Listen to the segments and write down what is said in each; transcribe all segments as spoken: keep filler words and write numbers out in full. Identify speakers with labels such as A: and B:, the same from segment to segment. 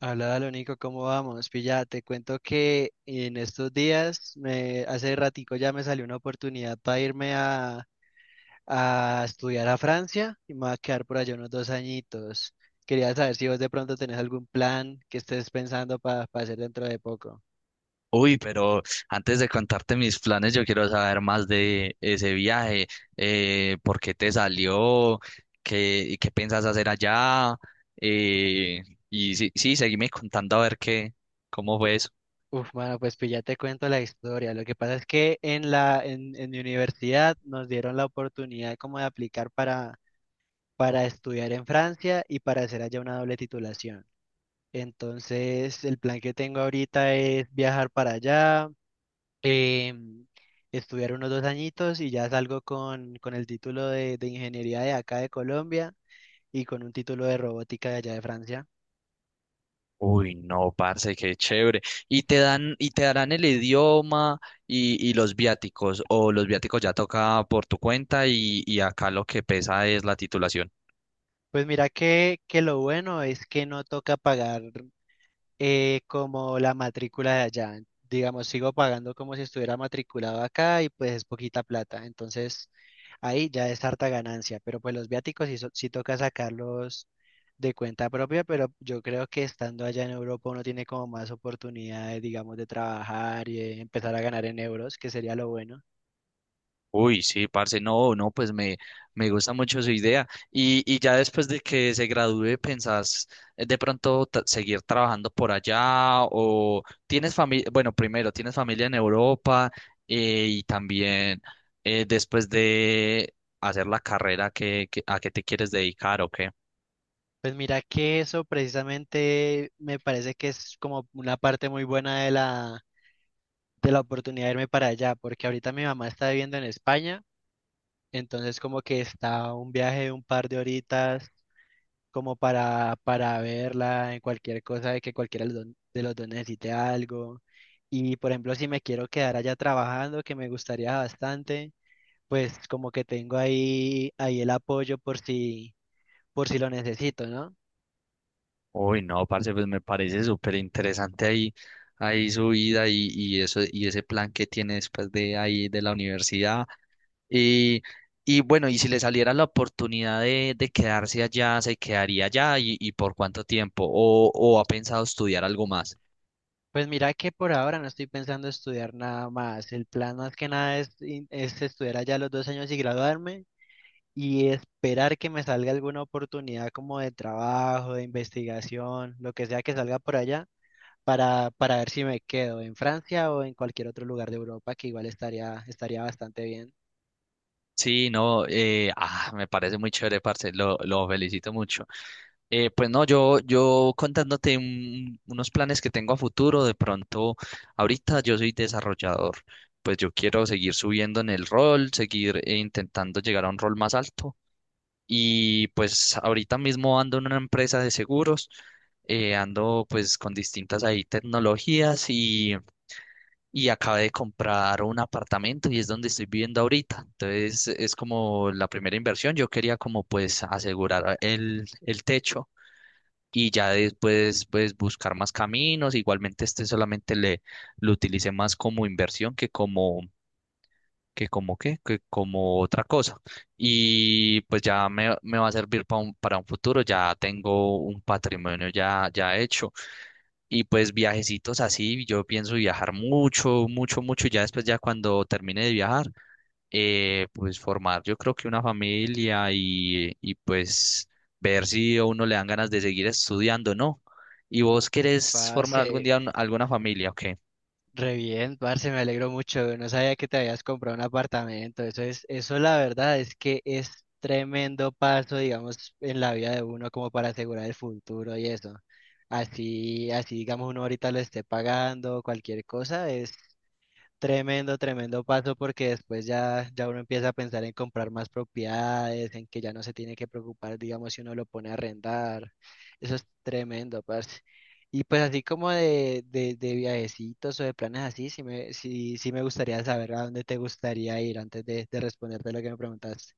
A: Hola, Nico, ¿cómo vamos? Pilla, te cuento que en estos días, me, hace ratico ya me salió una oportunidad para irme a, a estudiar a Francia y me voy a quedar por allá unos dos añitos. Quería saber si vos de pronto tenés algún plan que estés pensando para hacer dentro de poco.
B: Uy, pero antes de contarte mis planes, yo quiero saber más de ese viaje. Eh, ¿por qué te salió? ¿Qué, qué piensas hacer allá? Eh, y sí, sí, seguime contando a ver qué, cómo fue eso.
A: Uf, mano, pues, pues ya te cuento la historia. Lo que pasa es que en la, en, en mi universidad nos dieron la oportunidad como de aplicar para, para estudiar en Francia y para hacer allá una doble titulación. Entonces, el plan que tengo ahorita es viajar para allá, em, estudiar unos dos añitos y ya salgo con, con el título de, de ingeniería de acá de Colombia y con un título de robótica de allá de Francia.
B: Uy, no, parce, qué chévere. ¿Y te dan, y te darán el idioma y, y los viáticos? ¿O los viáticos ya toca por tu cuenta y, y acá lo que pesa es la titulación?
A: Pues mira que, que lo bueno es que no toca pagar, eh, como la matrícula de allá. Digamos, sigo pagando como si estuviera matriculado acá y pues es poquita plata. Entonces ahí ya es harta ganancia, pero pues los viáticos sí, so- sí toca sacarlos de cuenta propia, pero yo creo que estando allá en Europa uno tiene como más oportunidades, digamos, de trabajar y eh, empezar a ganar en euros, que sería lo bueno.
B: Uy, sí, parce, no, no, pues me, me gusta mucho su idea. Y, y ya después de que se gradúe, ¿pensás eh, de pronto ta- seguir trabajando por allá? ¿O tienes familia? Bueno, primero, ¿tienes familia en Europa? Eh, y también, eh, después de hacer la carrera, ¿qué, qué- a qué te quieres dedicar o qué?
A: Pues mira que eso precisamente me parece que es como una parte muy buena de la, de la oportunidad de irme para allá, porque ahorita mi mamá está viviendo en España. Entonces como que está un viaje de un par de horitas como para, para verla en cualquier cosa de que cualquiera de los dos de los dos necesite algo. Y por ejemplo, si me quiero quedar allá trabajando, que me gustaría bastante, pues como que tengo ahí, ahí el apoyo por si, por si lo necesito, ¿no?
B: Uy, no, parce, pues me parece súper interesante ahí, ahí su vida y, y eso, y ese plan que tiene después de ahí de la universidad. Y, y bueno, y si le saliera la oportunidad de, de quedarse allá, ¿se quedaría allá y, y por cuánto tiempo? ¿O, o ha pensado estudiar algo más?
A: Pues mira que por ahora no estoy pensando estudiar nada más. El plan más que nada es, in- es estudiar allá los dos años y graduarme y esperar que me salga alguna oportunidad como de trabajo, de investigación, lo que sea que salga por allá, para, para ver si me quedo en Francia o en cualquier otro lugar de Europa, que igual estaría, estaría bastante bien.
B: Sí, no, eh, ah, me parece muy chévere, parce, lo, lo felicito mucho. Eh, pues no, yo, yo contándote un- unos planes que tengo a futuro, de pronto, ahorita yo soy desarrollador. Pues yo quiero seguir subiendo en el rol, seguir eh, intentando llegar a un rol más alto. Y pues ahorita mismo ando en una empresa de seguros. Eh, ando pues con distintas ahí tecnologías y, y acabé de comprar un apartamento y es donde estoy viviendo ahorita. Entonces es como la primera inversión. Yo quería como pues asegurar el, el techo y ya después pues buscar más caminos. Igualmente este solamente le lo utilicé más como inversión que como que como qué, que como otra cosa. Y pues ya me, me va a servir pa un- para un futuro, ya tengo un patrimonio ya, ya hecho. Y pues viajecitos así, yo pienso viajar mucho, mucho, mucho. Ya después, ya cuando termine de viajar, eh, pues formar yo creo que una familia y, y pues ver si a uno le dan ganas de seguir estudiando, ¿no? ¿Y
A: Uh,
B: vos querés
A: Parce,
B: formar algún día un- alguna familia? Ok.
A: re bien, parce, me alegro mucho. No sabía que te habías comprado un apartamento. Eso es, eso, la verdad, es que es tremendo paso, digamos, en la vida de uno como para asegurar el futuro y eso. Así, así, digamos, uno ahorita lo esté pagando, cualquier cosa, es tremendo, tremendo paso porque después ya, ya uno empieza a pensar en comprar más propiedades, en que ya no se tiene que preocupar, digamos, si uno lo pone a arrendar. Eso es tremendo, parce. Y pues así como de, de, de viajecitos o de planes así, sí me, sí, sí me gustaría saber a dónde te gustaría ir antes de, de responderte lo que me preguntaste.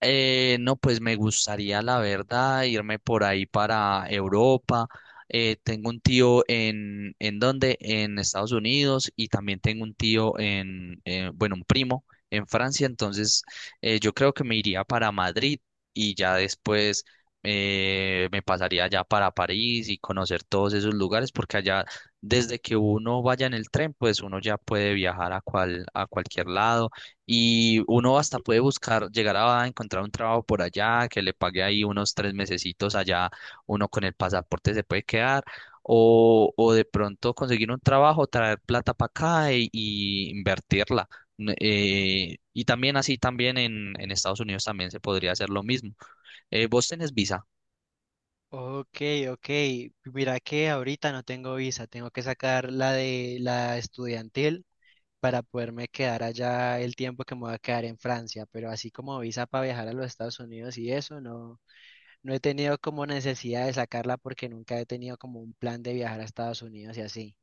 B: Eh, no, pues me gustaría, la verdad, irme por ahí para Europa. Eh, tengo un tío en, ¿en dónde? En Estados Unidos. Y también tengo un tío en, eh, bueno, un primo en Francia. Entonces, eh, yo creo que me iría para Madrid y ya después, eh, me pasaría ya para París y conocer todos esos lugares, porque allá, desde que uno vaya en el tren, pues uno ya puede viajar a cual, a cualquier lado y uno hasta puede buscar, llegar a encontrar un trabajo por allá, que le pague ahí unos tres mesecitos allá, uno con el pasaporte se puede quedar, o, o de pronto conseguir un trabajo, traer plata para acá y, y invertirla. N- eh, y también así, también en, en Estados Unidos también se podría hacer lo mismo. Eh, ¿vos tenés visa?
A: Ok, ok. Mira que ahorita no tengo visa, tengo que sacar la de la estudiantil para poderme quedar allá el tiempo que me voy a quedar en Francia, pero así como visa para viajar a los Estados Unidos y eso, no, no he tenido como necesidad de sacarla porque nunca he tenido como un plan de viajar a Estados Unidos y así.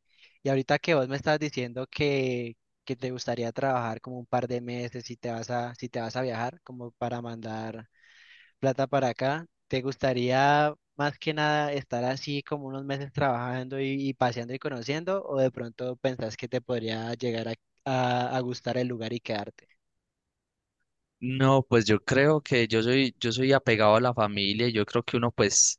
A: Y ahorita que vos me estás diciendo que, que te gustaría trabajar como un par de meses si te vas a, si te vas a viajar, como para mandar plata para acá, ¿te gustaría más que nada estar así como unos meses trabajando y, y paseando y conociendo? ¿O de pronto pensás que te podría llegar a, a- a gustar el lugar y quedarte?
B: No, pues yo creo que yo soy, yo soy apegado a la familia y yo creo que uno pues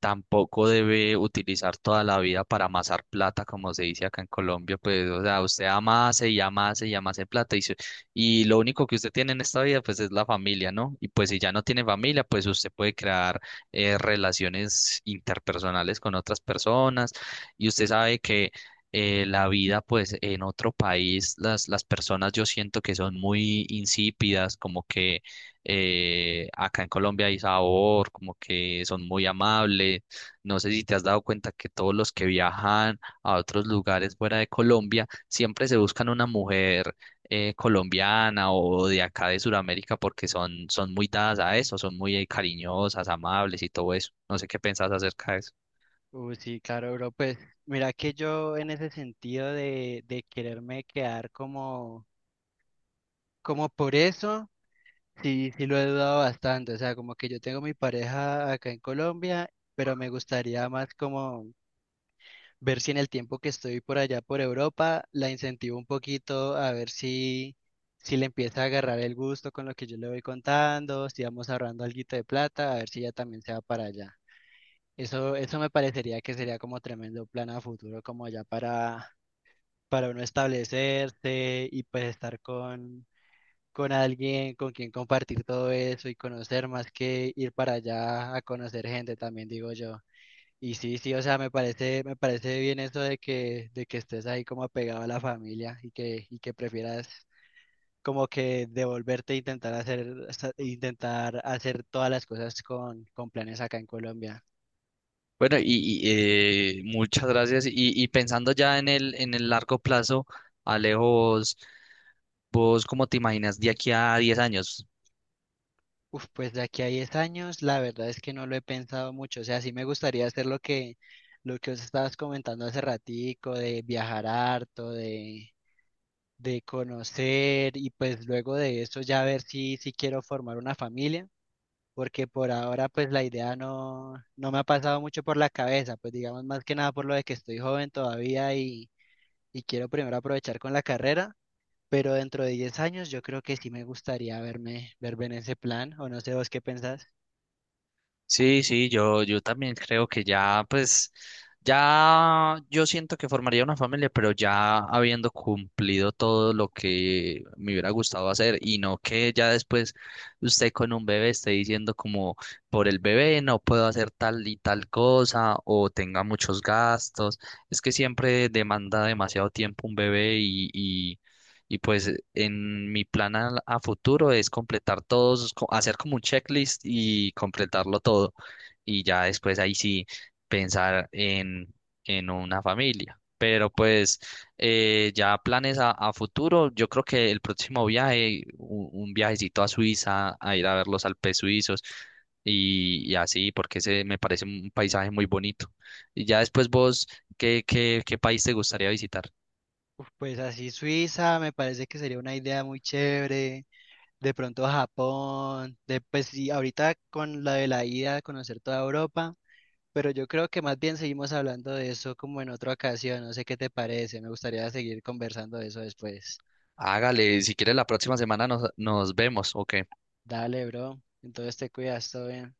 B: tampoco debe utilizar toda la vida para amasar plata, como se dice acá en Colombia. Pues, o sea, usted amase y amase y amase plata y, se- y lo único que usted tiene en esta vida pues es la familia, ¿no? Y pues si ya no tiene familia, pues usted puede crear eh, relaciones interpersonales con otras personas. Y usted sabe que, eh, la vida, pues en otro país, las, las personas yo siento que son muy insípidas, como que, eh, acá en Colombia hay sabor, como que son muy amables. No sé si te has dado cuenta que todos los que viajan a otros lugares fuera de Colombia siempre se buscan una mujer, eh, colombiana o de acá de Sudamérica, porque son, son muy dadas a eso, son muy eh, cariñosas, amables y todo eso. No sé qué pensás acerca de eso.
A: Uh, sí, claro, bro. Pues mira que yo en ese sentido de, de quererme quedar como, como por eso, sí, sí lo he dudado bastante. O sea, como que yo tengo mi pareja acá en Colombia, pero me gustaría más como ver si en el tiempo que estoy por allá por Europa la incentivo un poquito a ver si, si le empieza a agarrar el gusto con lo que yo le voy contando, si vamos ahorrando alguito de plata, a ver si ella también se va para allá. Eso, eso me parecería que sería como tremendo plan a futuro, como ya para, para uno establecerse y pues estar con, con alguien con quien compartir todo eso y conocer más que ir para allá a conocer gente también, digo yo. Y sí, sí, o sea, me parece, me parece bien eso de que, de que estés ahí como apegado a la familia y que, y que prefieras como que devolverte e intentar hacer, sa- intentar hacer todas las cosas con, con planes acá en Colombia.
B: Bueno, y, y, eh, muchas gracias. Y, y pensando ya en el, en el largo plazo, Alejo, vos, ¿cómo te imaginas de aquí a diez años?
A: Uf, pues de aquí a diez años, la verdad es que no lo he pensado mucho. O sea, sí me gustaría hacer lo que, lo que os estabas comentando hace ratico, de viajar harto, de, de conocer, y pues luego de eso ya ver si, si quiero formar una familia porque por ahora pues la idea no, no me ha pasado mucho por la cabeza, pues digamos más que nada por lo de que estoy joven todavía y, y quiero primero aprovechar con la carrera, pero dentro de diez años yo creo que sí me gustaría verme, verme en ese plan, o no sé vos qué pensás.
B: Sí, sí, yo, yo también creo que ya, pues, ya yo siento que formaría una familia, pero ya habiendo cumplido todo lo que me hubiera gustado hacer y no que ya después usted con un bebé esté diciendo como por el bebé no puedo hacer tal y tal cosa o tenga muchos gastos. Es que siempre demanda demasiado tiempo un bebé y, y pues eh, en mi plan a, a futuro es completar todos, co- hacer como un checklist y completarlo todo. Y ya después ahí sí pensar en, en una familia. Pero pues, eh, ya planes a, a futuro, yo creo que el próximo viaje, u- un, viajecito a Suiza, a ir a ver los Alpes suizos y, y así, porque se me parece un paisaje muy bonito. Y ya después vos, ¿qué, qué, qué país te gustaría visitar?
A: Uf, pues así Suiza me parece que sería una idea muy chévere, de pronto Japón, de pues sí, ahorita con la de la ida, conocer toda Europa. Pero yo creo que más bien seguimos hablando de eso como en otra ocasión. No sé qué te parece. Me gustaría seguir conversando de eso después.
B: Hágale, si quiere la próxima semana nos, nos vemos, ¿ok?
A: Dale, bro. Entonces te cuidas, todo bien.